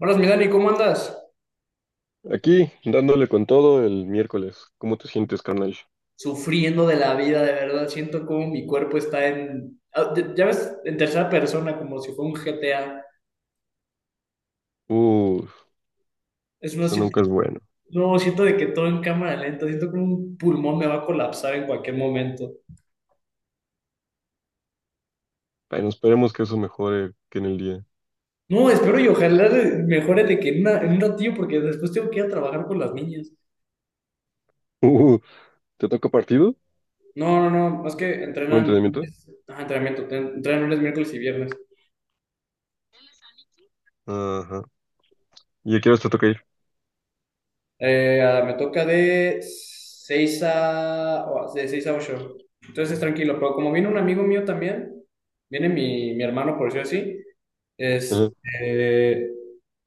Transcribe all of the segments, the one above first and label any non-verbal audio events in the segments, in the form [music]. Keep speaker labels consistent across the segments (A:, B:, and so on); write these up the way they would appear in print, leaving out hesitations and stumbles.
A: Hola, mi Dani, ¿cómo andas?
B: Aquí, dándole con todo el miércoles. ¿Cómo te sientes, carnal?
A: Sufriendo de la vida, de verdad. Siento como mi cuerpo está ya ves, en tercera persona, como si fuera un GTA.
B: Uh,
A: Es no
B: eso
A: siento,
B: nunca es bueno.
A: no, siento de que todo en cámara lenta. Siento que un pulmón me va a colapsar en cualquier momento.
B: Bueno, esperemos que eso mejore que en el día. [laughs]
A: No, espero y ojalá mejore de que en, en un ratillo, porque después tengo que ir a trabajar con las niñas.
B: Uh, ¿te toca partido?
A: No, no, no. Es que
B: ¿Un
A: entrenan.
B: entrenamiento?
A: Ajá, entrenamiento. Entrenan lunes, miércoles y viernes.
B: Ajá. ¿Y a qué hora te toca ir?
A: Me toca de 6 a, de 6 a ocho. Entonces tranquilo, pero como viene un amigo mío también, viene mi hermano, por decirlo así, es,
B: Ajá.
A: eh,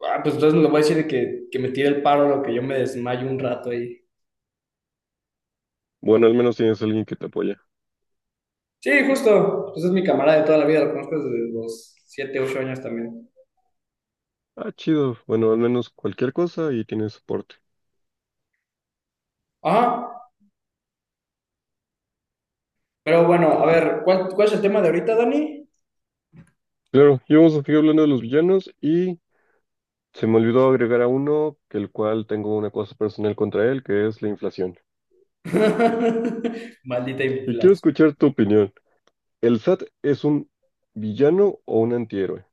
A: pues entonces le voy a decir que me tire el paro, lo que yo me desmayo un rato ahí.
B: Bueno, al menos tienes alguien que te apoya.
A: Sí, justo, pues es mi camarada de toda la vida, lo conozco desde los siete ocho años también.
B: Ah, chido. Bueno, al menos cualquier cosa y tienes soporte.
A: Ajá, pero bueno, a ver, ¿cuál es el tema de ahorita, Dani?
B: Claro, y vamos a seguir hablando de los villanos y se me olvidó agregar a uno, que el cual tengo una cosa personal contra él, que es la inflación.
A: [laughs] Maldita
B: Y quiero
A: inflación.
B: escuchar tu opinión. ¿El SAT es un villano o un antihéroe?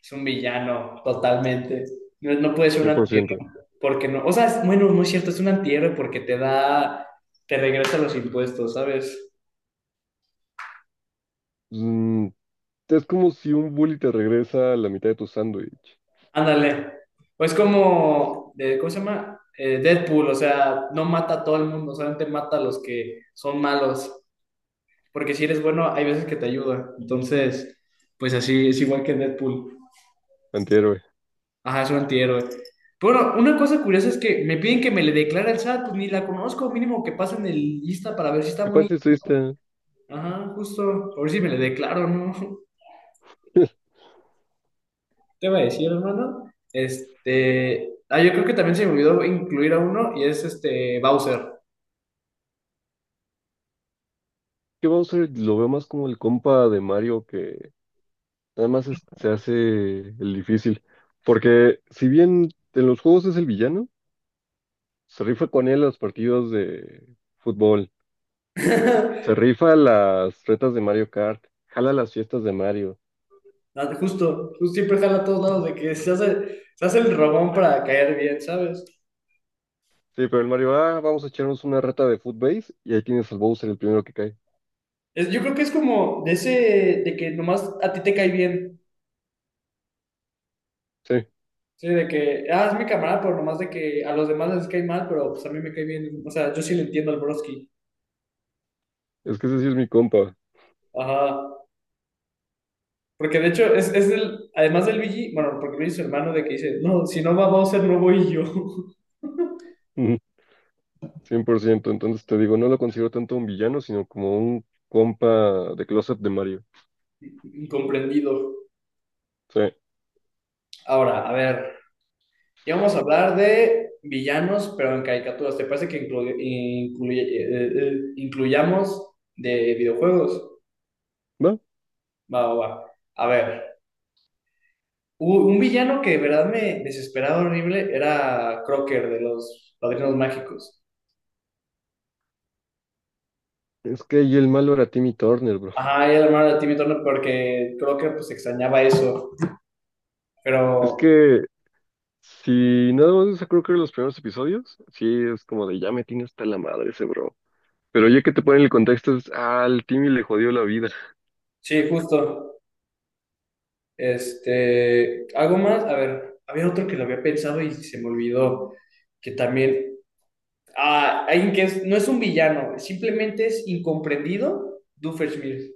A: Es un villano, totalmente. No, no puede ser un
B: 100%.
A: antihéroe porque no. O sea, bueno, no es cierto, es un antihéroe porque te da, te regresa los impuestos, ¿sabes?
B: Mm, es como si un bully te regresa la mitad de tu sándwich.
A: Ándale. O es como, ¿cómo se llama? Deadpool, o sea, no mata a todo el mundo, solamente mata a los que son malos. Porque si eres bueno, hay veces que te ayuda. Entonces, pues así, es igual que Deadpool.
B: Antihéroe.
A: Ajá, es un antihéroe. Pero bueno, una cosa curiosa es que me piden que me le declare al SAT, pues ni la conozco, mínimo que pasen el lista para ver si está
B: ¿Qué
A: bonita.
B: parte estuviste?
A: Ajá, justo. A ver si me le declaro, ¿no? [laughs]
B: [laughs]
A: Te iba a decir, hermano. Este. Yo creo que también se me olvidó incluir a uno y es este Bowser.
B: ¿Qué vamos a Bowser lo veo más como el compa de Mario que nada más es- se hace el difícil. Porque si bien en los juegos es el villano, se rifa con él los partidos de fútbol, se
A: [laughs]
B: rifa las retas de Mario Kart, jala las fiestas de Mario.
A: Ah, justo, justo siempre jala a todos lados de que se hace el robón para caer bien, ¿sabes?
B: Sí, pero el Mario, ah, vamos a echarnos una reta de Footbase y ahí tienes al Bowser el primero que cae.
A: Yo creo que es como de ese, de que nomás a ti te cae bien.
B: Sí,
A: Sí, de que, es mi camarada, pero nomás de que a los demás les cae mal, pero pues a mí me cae bien. O sea, yo sí le entiendo al broski.
B: es que ese sí es mi compa.
A: Ajá. Porque de hecho, es el, además del Luigi, bueno, porque Luigi es su hermano de que dice, no, si no va Bowser, no voy yo.
B: [laughs] Ujú, 100%. Entonces te digo, no lo considero tanto un villano, sino como un compa de closet de Mario.
A: [laughs] Incomprendido.
B: Sí,
A: Ahora, a ver, ya vamos a hablar de villanos, pero en caricaturas. ¿Te parece que incluyamos de videojuegos?
B: va.
A: Va, va, va. A ver, un villano que de verdad me desesperaba horrible era Crocker de los Padrinos Mágicos.
B: Es que ahí el malo era Timmy Turner, bro.
A: Ajá, y el hermano de Timmy Turner porque Crocker pues extrañaba eso. Pero,
B: Es que si nada más eso creo que eran los primeros episodios, sí es como de ya me tiene hasta la madre ese bro. Pero
A: mm,
B: ya que te ponen el contexto, es, ah, al Timmy le jodió la vida.
A: sí, justo. Este, algo más, a ver, había otro que lo había pensado y se me olvidó, que también, alguien que no es un villano, simplemente es incomprendido, Doofenshmirtz.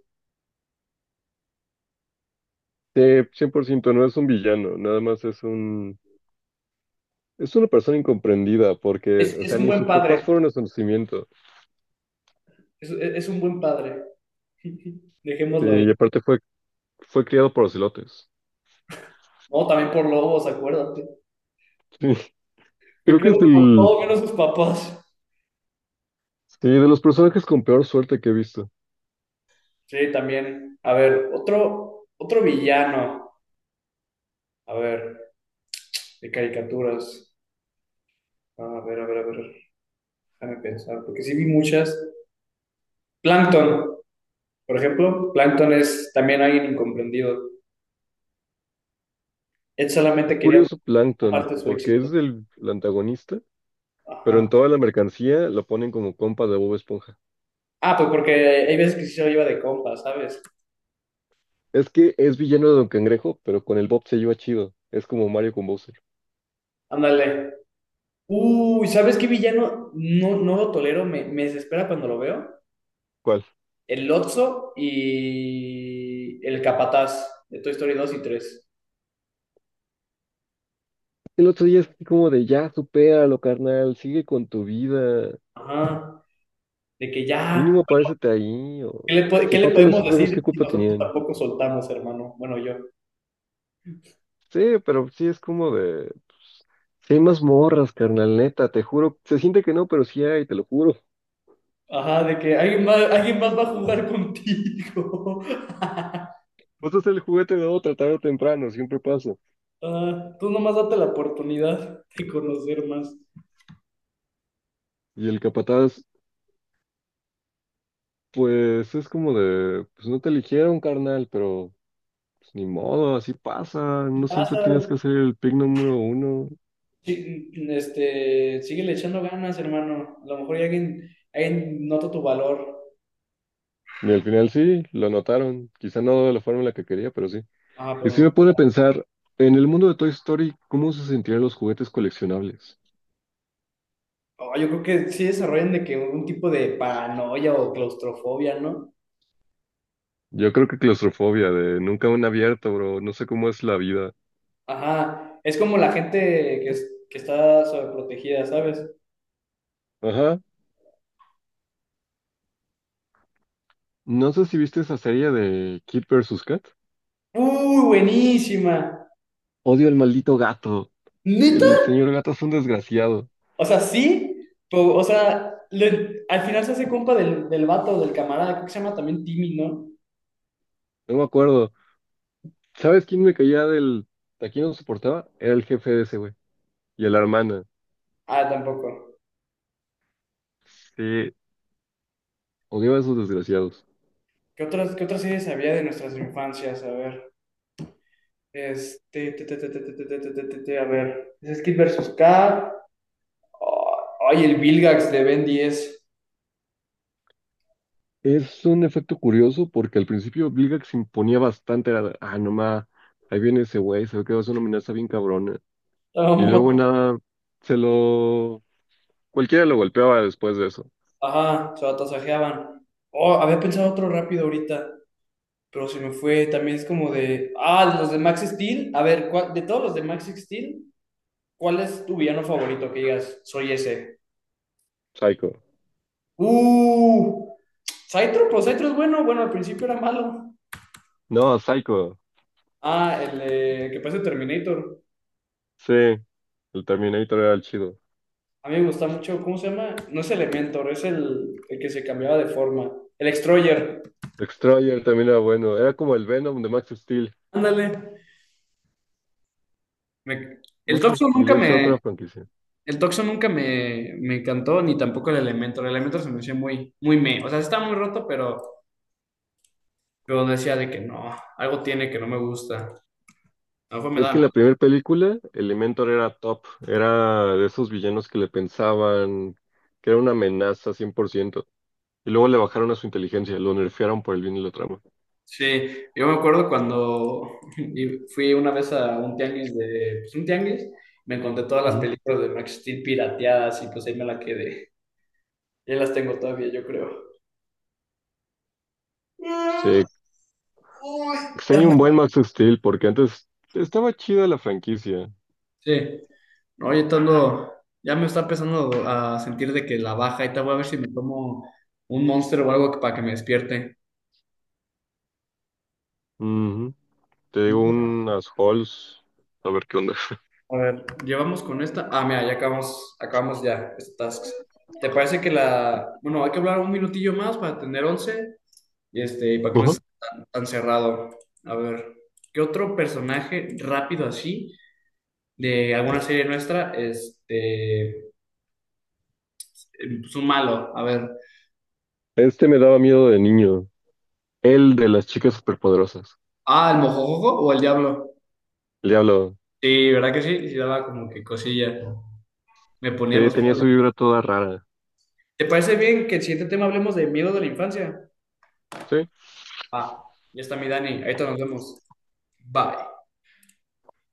B: Sí, 100% no es un villano, nada más es un. Es una persona incomprendida porque, o
A: Es
B: sea,
A: un
B: ni
A: buen
B: sus papás
A: padre,
B: fueron a su nacimiento.
A: es un buen padre. [laughs]
B: Sí,
A: Dejémoslo ahí.
B: y aparte fue criado por ocelotes.
A: No, también por lobos, acuérdate.
B: Sí, [laughs]
A: Me
B: creo que es
A: creo por
B: el,
A: todo menos sus papás.
B: sí, de los personajes con peor suerte que he visto.
A: Sí, también. A ver, otro villano. A ver, de caricaturas. A ver, a ver, a ver. Déjame pensar, porque sí vi muchas. Plankton. Por ejemplo, Plankton es también alguien incomprendido. Él
B: Qué
A: solamente quería una
B: curioso Plankton,
A: parte de su
B: porque es
A: éxito.
B: el antagonista, pero en
A: Ajá.
B: toda la mercancía lo ponen como compa de Bob Esponja.
A: Ah, pues porque hay veces que sí se lo lleva de compa, ¿sabes?
B: Es que es villano de Don Cangrejo, pero con el Bob se lleva chido. Es como Mario con Bowser.
A: Ándale. Uy, ¿sabes qué villano? No, no lo tolero, me desespera cuando lo veo.
B: ¿Cuál?
A: El Lotso y el Capataz de Toy Story 2 y 3.
B: El otro día es así como de ya, supéralo, carnal, sigue con tu vida.
A: Ajá. De que ya,
B: Mínimo párate ahí, o... Y
A: ¿qué le
B: aparte
A: podemos
B: nosotros dos,
A: decir
B: ¿qué
A: si
B: culpa
A: nosotros
B: tenían?
A: tampoco soltamos, hermano? Bueno, yo.
B: Sí, pero sí es como de... Pues, sí hay más morras, carnal, neta, te juro. Se siente que no, pero sí hay, te lo juro.
A: Ajá, de que alguien más va a jugar contigo. [laughs]
B: Vas a ser el juguete de otra tarde o temprano, siempre pasa.
A: Ah, tú nomás date la oportunidad de conocer más.
B: Y el capataz, pues es como de... Pues no te eligieron, carnal, pero... pues, ni modo, así pasa. No siempre
A: Pasa,
B: tienes que ser el pick número uno.
A: sí, este, síguele echando ganas, hermano. A lo mejor ya alguien nota tu valor.
B: Y al final sí, lo notaron. Quizá no de la forma en la que quería, pero sí.
A: Ah,
B: Y si
A: pero
B: me pone a pensar, en el mundo de Toy Story, ¿cómo se sentirían los juguetes coleccionables?
A: oh, yo creo que sí desarrollan de que un tipo de paranoia o claustrofobia, ¿no?
B: Yo creo que claustrofobia, de nunca un abierto, bro. No sé cómo es la vida.
A: Ajá, es como la gente que, que está sobreprotegida, ¿sabes?
B: Ajá. No sé si viste esa serie de Kid vs. Kat.
A: ¡Uy, buenísima!
B: Odio al maldito gato.
A: ¿Neta?
B: El señor gato es un desgraciado.
A: O sea, sí, pero, o sea, al final se hace compa del vato, del camarada, creo que se llama también Timmy, ¿no?
B: No me acuerdo. ¿Sabes quién me caía del... ¿A quién no soportaba? Era el jefe de ese güey. Y a la hermana.
A: Ah, tampoco.
B: Sí. Odiaba a esos desgraciados.
A: Qué otras series había de nuestras infancias? A ver. Este. Te, A ver. Es Kid versus Kat. Oh, Ay, el Vilgax de Ben 10.
B: Es un efecto curioso porque al principio Vilgax se imponía bastante, era, de, ah, no ma, ahí viene ese güey, se ve que va a ser una amenaza bien cabrona.
A: Estaba
B: Y
A: muy-
B: luego
A: mat-
B: nada, se lo... Cualquiera lo golpeaba después de eso.
A: [laughs] Ajá, se atasajeaban. Oh, había pensado otro rápido ahorita. Pero se me fue. También es como de. Ah, los de Max Steel. A ver, de todos los de Max Steel, ¿cuál es tu villano favorito? Que digas, soy ese.
B: Psycho.
A: Uh. Cytro, pues Cytro es bueno. Bueno, al principio era malo.
B: No, Psycho.
A: Ah, el que parece Terminator.
B: Sí, el Terminator era el chido.
A: A mí me gusta mucho, ¿cómo se llama? No es Elementor, es el que se cambiaba de forma. El Extroyer.
B: Destroyer también era bueno, era como el Venom de Max Steel.
A: Ándale. Me- el
B: Max
A: Toxo
B: Steel
A: nunca
B: es
A: me,
B: otra franquicia.
A: el Toxo nunca me encantó, ni tampoco el Elementor. El Elementor se me hacía muy, muy me. O sea, está muy roto, pero decía de que no, algo tiene que no me gusta. A lo mejor me
B: Es que en
A: daba.
B: la primera película, Elementor era top, era de esos villanos que le pensaban que era una amenaza cien por ciento. Y luego le bajaron a su inteligencia, lo nerfearon por el bien de la trama.
A: Sí, yo me acuerdo cuando [laughs] y fui una vez a un tianguis de, pues un tianguis, me encontré todas las
B: Mm.
A: películas de Max Steel pirateadas y pues ahí me la quedé. Ya las tengo todavía, yo creo. Ah,
B: Se
A: uy.
B: extraña un buen Max Steel porque antes estaba chida la franquicia.
A: Sí, oye, Tondo, ya me está empezando a sentir de que la baja, y te voy a ver si me tomo un Monster o algo para que me despierte.
B: Ujú. Te digo unas halls, a ver qué onda.
A: A ver, llevamos con esta. Ah, mira, ya acabamos, acabamos ya, estas tasks. ¿Te parece que la... Bueno, hay que hablar un minutillo más para tener 11? Y este, y para que no
B: Ujú.
A: esté tan, tan cerrado. A ver, ¿qué otro personaje rápido así de alguna serie nuestra este, es un malo? A ver,
B: Este me daba miedo de niño. El de las chicas superpoderosas.
A: ah, el mojojojo o el diablo.
B: El diablo.
A: Sí, ¿verdad que sí? Sí daba como que cosilla. Me ponía
B: Sí,
A: los
B: tenía
A: pelos de-
B: su vibra toda rara.
A: ¿Te parece bien que el siguiente tema hablemos de miedo de la infancia?
B: Sí.
A: Va, ya está mi Dani, ahorita nos vemos. Bye.